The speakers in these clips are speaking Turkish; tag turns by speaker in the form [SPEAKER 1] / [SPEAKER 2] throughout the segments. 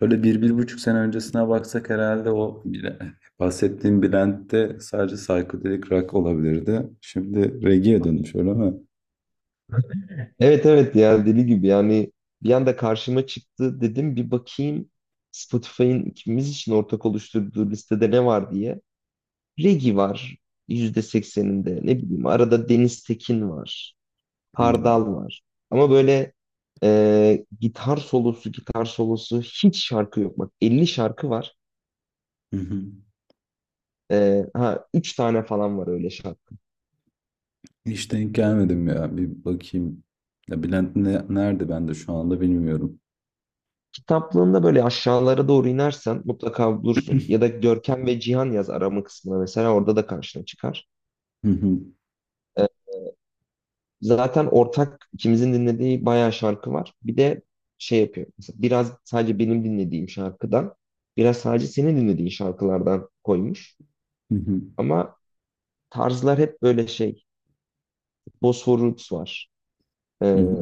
[SPEAKER 1] Böyle bir, bir buçuk sene öncesine baksak herhalde o bile, bahsettiğim Bülent'te sadece psychedelic rock olabilirdi. Şimdi reggae'ye dönmüş öyle mi?
[SPEAKER 2] Evet, evet, ya, deli gibi yani. Bir anda karşıma çıktı, dedim bir bakayım Spotify'ın ikimiz için ortak oluşturduğu listede ne var diye. Regi var, %80'inde ne bileyim, arada Deniz Tekin var,
[SPEAKER 1] Hmm.
[SPEAKER 2] Hardal var, ama böyle, gitar solosu gitar solosu hiç şarkı yok, bak, 50 şarkı var.
[SPEAKER 1] Hı hı.
[SPEAKER 2] Ha, 3 tane falan var öyle şarkı.
[SPEAKER 1] Hiç denk gelmedim ya. Bir bakayım. Ya Bülent nerede ben de şu anda bilmiyorum.
[SPEAKER 2] Kitaplığında böyle aşağılara doğru inersen mutlaka bulursun, ya da Görkem ve Cihan yaz arama kısmına, mesela orada da karşına çıkar.
[SPEAKER 1] Hı hı,
[SPEAKER 2] Ee, Zaten ortak ikimizin dinlediği bayağı şarkı var. Bir de şey yapıyor. Mesela biraz sadece benim dinlediğim şarkıdan, biraz sadece senin dinlediğin şarkılardan koymuş.
[SPEAKER 1] hı hı,
[SPEAKER 2] Ama tarzlar hep böyle şey. Bosphor Roots var.
[SPEAKER 1] hı
[SPEAKER 2] Ee,
[SPEAKER 1] hı.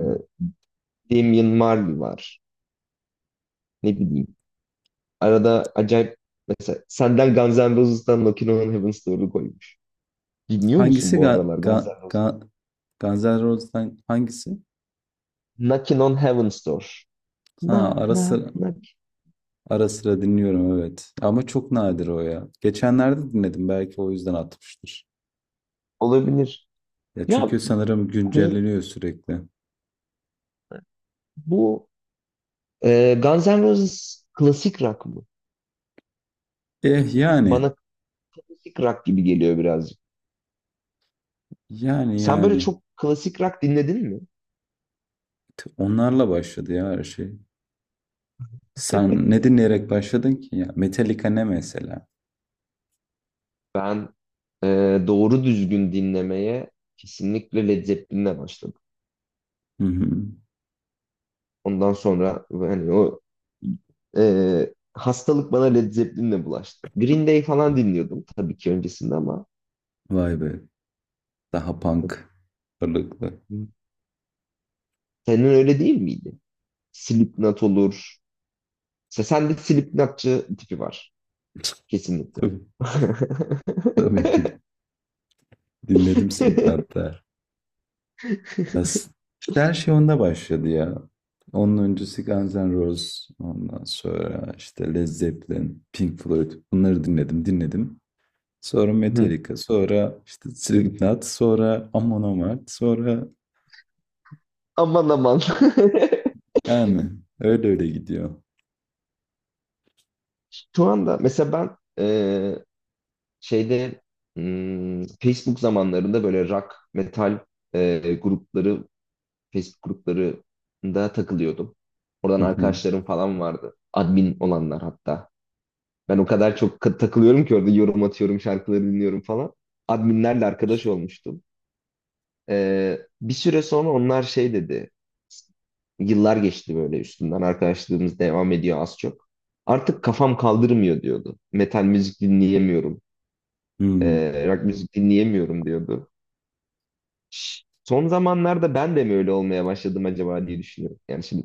[SPEAKER 2] Damian Marley var. Ne bileyim. Arada acayip, mesela senden Guns N' Roses'tan Knockin' on Heaven's Door'u koymuş. Dinliyor
[SPEAKER 1] Hangisi
[SPEAKER 2] musun bu aralar Guns N' Roses?
[SPEAKER 1] Guns N' Roses'tan hangisi?
[SPEAKER 2] Knockin' on Heaven's Door.
[SPEAKER 1] Ha
[SPEAKER 2] Knock
[SPEAKER 1] ara
[SPEAKER 2] knock
[SPEAKER 1] sıra,
[SPEAKER 2] knock.
[SPEAKER 1] ara sıra dinliyorum, evet. Ama çok nadir o ya. Geçenlerde dinledim, belki o yüzden atmıştır.
[SPEAKER 2] Olabilir.
[SPEAKER 1] Ya
[SPEAKER 2] Ya
[SPEAKER 1] çünkü sanırım
[SPEAKER 2] bu
[SPEAKER 1] güncelleniyor sürekli.
[SPEAKER 2] bu Guns N' Roses klasik rock mı?
[SPEAKER 1] Eh yani.
[SPEAKER 2] Bana klasik rock gibi geliyor birazcık.
[SPEAKER 1] Yani
[SPEAKER 2] Sen böyle
[SPEAKER 1] yani.
[SPEAKER 2] çok klasik rock dinledin mi?
[SPEAKER 1] Onlarla başladı ya her şey. Sen ne dinleyerek başladın ki ya? Metallica ne mesela?
[SPEAKER 2] Ben, e, doğru düzgün dinlemeye kesinlikle Led Zeppelin'le başladım.
[SPEAKER 1] Hı hı.
[SPEAKER 2] Ondan sonra hani o, hastalık bana Led Zeppelin'le bulaştı. Green Day falan dinliyordum tabii ki öncesinde ama
[SPEAKER 1] Vay be. Daha punk ağırlıklı.
[SPEAKER 2] senin öyle değil miydi? Slipknot olur. Sende Slipknotçı tipi var kesinlikle.
[SPEAKER 1] Tabii, tabii ki dinledim Slipknot da. Ya s- işte her şey onda başladı ya. Onun öncesi Guns N' Roses. Ondan sonra işte Led Zeppelin, Pink Floyd. Bunları dinledim, dinledim. Sonra Metallica, sonra işte Slipknot, sonra Amon Amarth, sonra
[SPEAKER 2] Aman aman.
[SPEAKER 1] yani öyle öyle gidiyor.
[SPEAKER 2] Şu anda mesela ben, e, şeyde, Facebook zamanlarında böyle rock, metal, grupları, Facebook gruplarında takılıyordum. Oradan
[SPEAKER 1] Hı hı,
[SPEAKER 2] arkadaşlarım falan vardı. Admin olanlar hatta. Ben o kadar çok takılıyorum ki orada yorum atıyorum, şarkıları dinliyorum falan. Adminlerle arkadaş olmuştum. Bir süre sonra onlar şey dedi. Yıllar geçti böyle üstünden. Arkadaşlığımız devam ediyor az çok. Artık kafam kaldırmıyor diyordu. Metal müzik dinleyemiyorum.
[SPEAKER 1] hı
[SPEAKER 2] Rock müzik dinleyemiyorum diyordu. Son zamanlarda ben de mi öyle olmaya başladım acaba diye düşünüyorum. Yani şimdi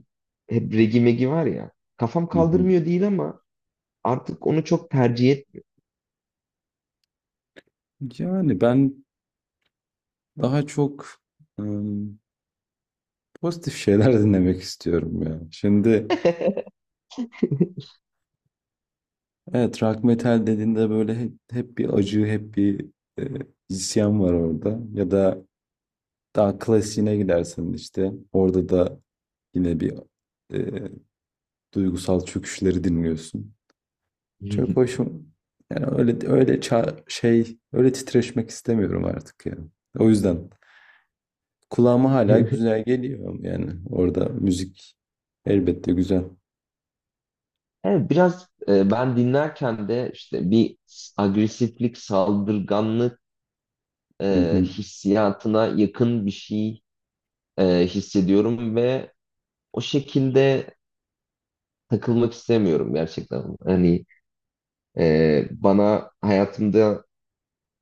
[SPEAKER 2] hep regi megi var ya. Kafam
[SPEAKER 1] hı, hı.
[SPEAKER 2] kaldırmıyor değil ama artık onu çok tercih
[SPEAKER 1] Yani ben daha çok ım, pozitif şeyler dinlemek istiyorum ya. Şimdi evet, rock metal dediğinde böyle hep, hep bir acı, hep bir e, isyan var orada. Ya da daha klasiğine gidersen işte orada da yine bir e, duygusal çöküşleri dinliyorsun. Çok
[SPEAKER 2] etmiyorum.
[SPEAKER 1] hoşum. Yani öyle öyle öyle titreşmek istemiyorum artık ya. O yüzden kulağıma hala güzel geliyor, yani orada müzik elbette güzel.
[SPEAKER 2] Evet, biraz ben dinlerken de işte bir agresiflik, saldırganlık,
[SPEAKER 1] Hı hı.
[SPEAKER 2] hissiyatına yakın bir şey hissediyorum ve o şekilde takılmak istemiyorum gerçekten. Hani, bana hayatımda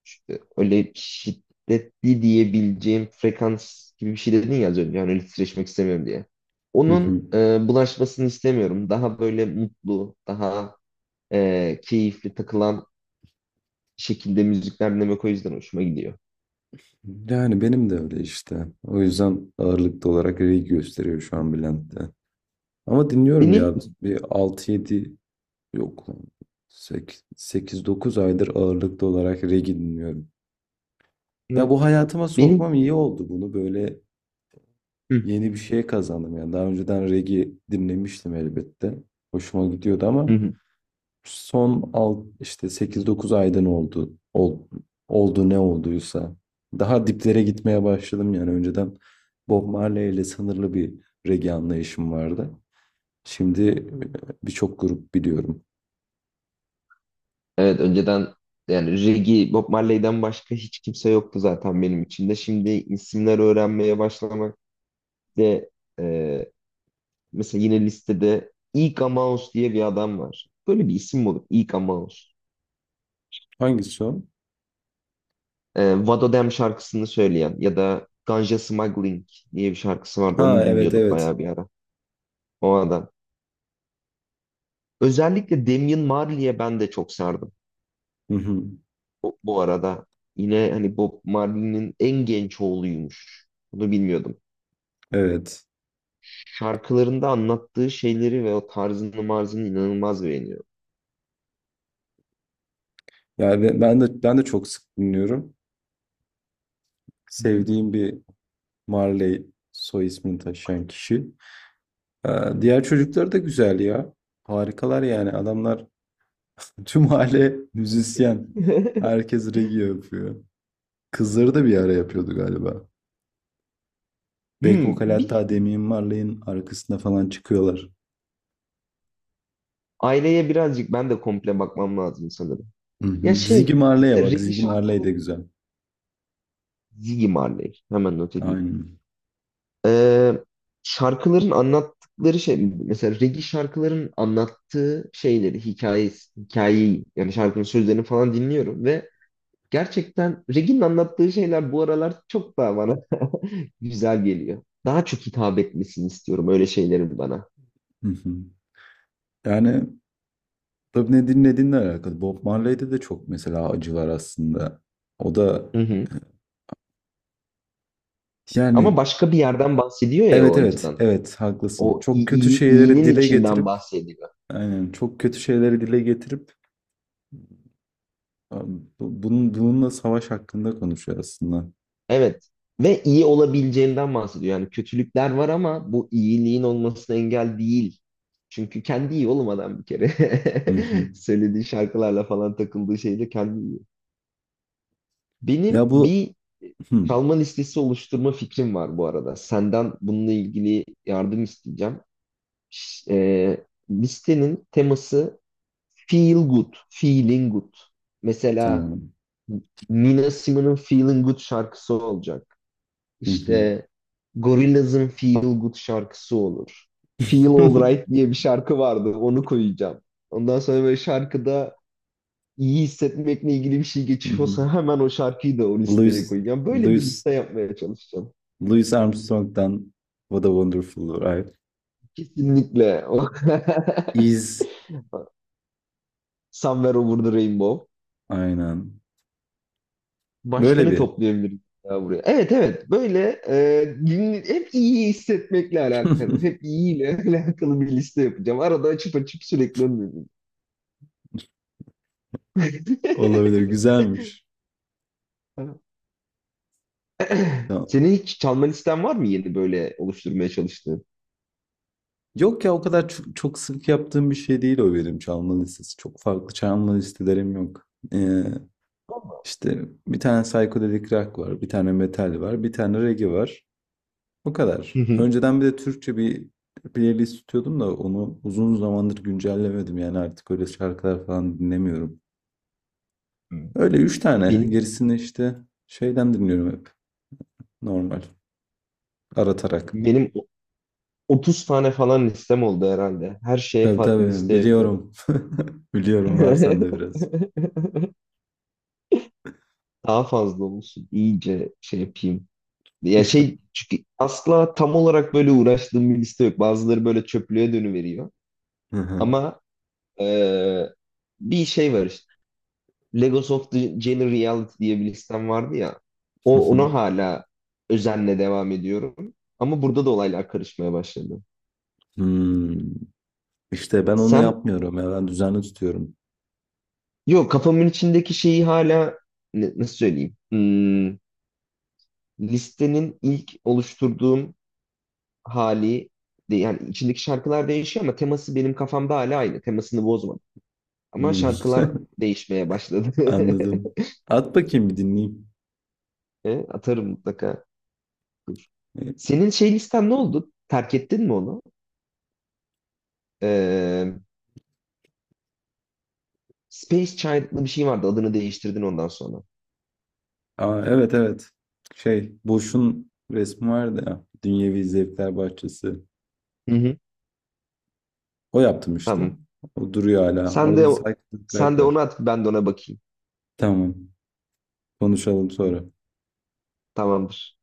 [SPEAKER 2] işte öyle şiddetli diyebileceğim frekans gibi bir şey dedin ya az önce. Hani öyle titreşmek istemiyorum diye.
[SPEAKER 1] Hı hı.
[SPEAKER 2] Onun bulaşmasını istemiyorum. Daha böyle mutlu, daha keyifli takılan şekilde müzikler dinlemek o yüzden hoşuma gidiyor.
[SPEAKER 1] Yani benim de öyle işte. O yüzden ağırlıklı olarak reggae gösteriyor şu an Bülent'te. Ama dinliyorum
[SPEAKER 2] Benim
[SPEAKER 1] ya, bir 6-7, yok lan, 8-9 aydır ağırlıklı olarak reggae dinliyorum. Ya bu hayatıma
[SPEAKER 2] benim
[SPEAKER 1] sokmam iyi oldu bunu böyle. Yeni bir şey kazandım yani. Daha önceden reggae dinlemiştim elbette. Hoşuma gidiyordu ama
[SPEAKER 2] Hı.
[SPEAKER 1] işte 8-9 ayda ne oldu, oldu, ne olduysa daha diplere gitmeye başladım yani. Önceden Bob Marley ile sınırlı bir reggae anlayışım vardı. Şimdi birçok grup biliyorum.
[SPEAKER 2] Evet, önceden yani Reggie Bob Marley'den başka hiç kimse yoktu zaten benim içinde. Şimdi isimler öğrenmeye başlamak de, e, mesela yine listede Ika Mouse diye bir adam var. Böyle bir isim mi olur? Ika Mouse.
[SPEAKER 1] Hangisi o?
[SPEAKER 2] Vado Dem şarkısını söyleyen, ya da Ganja Smuggling diye bir şarkısı vardı.
[SPEAKER 1] Ha,
[SPEAKER 2] Onu
[SPEAKER 1] evet
[SPEAKER 2] dinliyorduk
[SPEAKER 1] evet.
[SPEAKER 2] bayağı bir ara. O adam. Özellikle Damian Marley'e ben de çok sardım.
[SPEAKER 1] Hı hı.
[SPEAKER 2] Bu arada yine hani Bob Marley'nin en genç oğluymuş. Bunu bilmiyordum.
[SPEAKER 1] Evet.
[SPEAKER 2] Şarkılarında anlattığı şeyleri ve o tarzını marzını inanılmaz beğeniyorum.
[SPEAKER 1] Yani ben de çok sık dinliyorum.
[SPEAKER 2] Hı hı.
[SPEAKER 1] Sevdiğim bir Marley soy ismini taşıyan kişi. Diğer çocuklar da güzel ya. Harikalar yani. Adamlar tüm aile müzisyen. Herkes regi yapıyor. Kızları da bir ara yapıyordu galiba. Back vokal hatta
[SPEAKER 2] Bir
[SPEAKER 1] Damian Marley'in arkasında falan çıkıyorlar.
[SPEAKER 2] aileye birazcık ben de komple bakmam lazım sanırım.
[SPEAKER 1] Hı
[SPEAKER 2] Ya
[SPEAKER 1] hı. Ziggy
[SPEAKER 2] şey,
[SPEAKER 1] Marley'e
[SPEAKER 2] mesela
[SPEAKER 1] bak.
[SPEAKER 2] reggae
[SPEAKER 1] Ziggy Marley de
[SPEAKER 2] şarkıları.
[SPEAKER 1] güzel.
[SPEAKER 2] Ziggy Marley. Hemen not edeyim.
[SPEAKER 1] Aynen.
[SPEAKER 2] Ee, Şarkıların anlattıkları şey, mesela reggae şarkıların anlattığı şeyleri, hikayeyi, yani şarkının sözlerini falan dinliyorum ve gerçekten Regin'in anlattığı şeyler bu aralar çok daha bana güzel geliyor. Daha çok hitap etmesini istiyorum öyle şeylerin bana.
[SPEAKER 1] Hı hı. Yani tabii ne dinlediğinle alakalı. Bob Marley'de de çok mesela acı var aslında. O da
[SPEAKER 2] Hı hı.
[SPEAKER 1] yani
[SPEAKER 2] Ama başka bir yerden bahsediyor ya o
[SPEAKER 1] evet evet
[SPEAKER 2] acıdan.
[SPEAKER 1] evet haklısın.
[SPEAKER 2] O
[SPEAKER 1] Çok kötü şeyleri
[SPEAKER 2] iyinin
[SPEAKER 1] dile
[SPEAKER 2] içinden
[SPEAKER 1] getirip
[SPEAKER 2] bahsediyor.
[SPEAKER 1] aynen, çok kötü şeyleri dile getirip abi, bunun bununla savaş hakkında konuşuyor aslında.
[SPEAKER 2] Evet. Ve iyi olabileceğinden bahsediyor. Yani kötülükler var ama bu iyiliğin olmasına engel değil. Çünkü kendi iyi olmadan bir kere
[SPEAKER 1] Hı hı.
[SPEAKER 2] söylediği şarkılarla falan takıldığı şeyle kendi iyi. Benim
[SPEAKER 1] Ya bu
[SPEAKER 2] bir e,
[SPEAKER 1] hı,
[SPEAKER 2] çalma listesi oluşturma fikrim var bu arada. Senden bununla ilgili yardım isteyeceğim. Listenin teması feel good, feeling good. Mesela
[SPEAKER 1] tamam.
[SPEAKER 2] Nina Simone'un Feeling Good şarkısı olacak.
[SPEAKER 1] Hı hı.
[SPEAKER 2] İşte Gorillaz'ın Feel Good şarkısı olur. Feel Alright diye bir şarkı vardı. Onu koyacağım. Ondan sonra böyle, şarkıda iyi hissetmekle ilgili bir şey
[SPEAKER 1] Hı hı.
[SPEAKER 2] geçiyorsa, hemen o şarkıyı da o listeye
[SPEAKER 1] Louis
[SPEAKER 2] koyacağım. Böyle bir
[SPEAKER 1] Louis
[SPEAKER 2] liste yapmaya çalışacağım.
[SPEAKER 1] Louis Armstrong'dan What a Wonderful Life
[SPEAKER 2] Kesinlikle.
[SPEAKER 1] is,
[SPEAKER 2] Somewhere Over the Rainbow.
[SPEAKER 1] aynen.
[SPEAKER 2] Başka
[SPEAKER 1] Böyle
[SPEAKER 2] ne
[SPEAKER 1] bir
[SPEAKER 2] toplayabiliriz ya buraya? Evet, evet, böyle hep iyi hissetmekle alakalı. Hep iyiyle alakalı bir liste yapacağım. Arada açıp açıp sürekli önüme geliyor.
[SPEAKER 1] olabilir, güzelmiş. Tamam.
[SPEAKER 2] Senin hiç çalma listen var mı, yeni böyle oluşturmaya çalıştığın?
[SPEAKER 1] Yok ya, o kadar çok, çok sık yaptığım bir şey değil o, benim çalma listesi. Çok farklı çalma listelerim yok. İşte 1 tane psychedelic rock var, 1 tane metal var, 1 tane reggae var. O
[SPEAKER 2] Hı
[SPEAKER 1] kadar.
[SPEAKER 2] hı.
[SPEAKER 1] Önceden bir de Türkçe bir playlist tutuyordum da onu uzun zamandır güncellemedim. Yani artık öyle şarkılar falan dinlemiyorum. Öyle 3 tane.
[SPEAKER 2] Benim
[SPEAKER 1] Gerisini işte şeyden dinliyorum hep. Normal. Aratarak.
[SPEAKER 2] benim 30 tane falan listem oldu herhalde. Her şeye
[SPEAKER 1] Tabii
[SPEAKER 2] farklı
[SPEAKER 1] tabii
[SPEAKER 2] liste yapıyorum.
[SPEAKER 1] biliyorum. Biliyorum, var sende biraz.
[SPEAKER 2] Daha fazla olsun. İyice şey yapayım. Ya şey, çünkü asla tam olarak böyle uğraştığım bir liste yok. Bazıları böyle çöplüğe dönüveriyor.
[SPEAKER 1] Hı hı.
[SPEAKER 2] Ama eee, bir şey var işte. Legos of the Jane Reality diye bir listem vardı ya.
[SPEAKER 1] Hı
[SPEAKER 2] O,
[SPEAKER 1] hı.
[SPEAKER 2] ona hala özenle devam ediyorum. Ama burada da olaylar karışmaya başladı.
[SPEAKER 1] Hmm. İşte ben onu
[SPEAKER 2] Sen
[SPEAKER 1] yapmıyorum ya, ben düzenli tutuyorum.
[SPEAKER 2] Yok, kafamın içindeki şeyi hala nasıl söyleyeyim? Listenin ilk oluşturduğum hali, yani içindeki şarkılar değişiyor ama teması benim kafamda hala aynı. Temasını bozmadım. Ama
[SPEAKER 1] Hmm.
[SPEAKER 2] şarkılar değişmeye başladı.
[SPEAKER 1] Anladım. At bakayım, bir dinleyeyim.
[SPEAKER 2] Atarım mutlaka. Dur.
[SPEAKER 1] E,
[SPEAKER 2] Senin şey listen ne oldu? Terk ettin mi onu? Ee, Space Child'lı bir şey vardı. Adını değiştirdin ondan sonra.
[SPEAKER 1] Aa, evet evet. Şey, Boş'un resmi vardı ya. Dünyevi Zevkler Bahçesi.
[SPEAKER 2] Hı hı.
[SPEAKER 1] O yaptım işte.
[SPEAKER 2] Tamam.
[SPEAKER 1] O duruyor hala.
[SPEAKER 2] Sen
[SPEAKER 1] Orada
[SPEAKER 2] de
[SPEAKER 1] da
[SPEAKER 2] o-
[SPEAKER 1] Cycle Track
[SPEAKER 2] Sen de onu
[SPEAKER 1] var.
[SPEAKER 2] at, ben de ona bakayım.
[SPEAKER 1] Tamam. Konuşalım
[SPEAKER 2] Tamam.
[SPEAKER 1] sonra.
[SPEAKER 2] Tamamdır.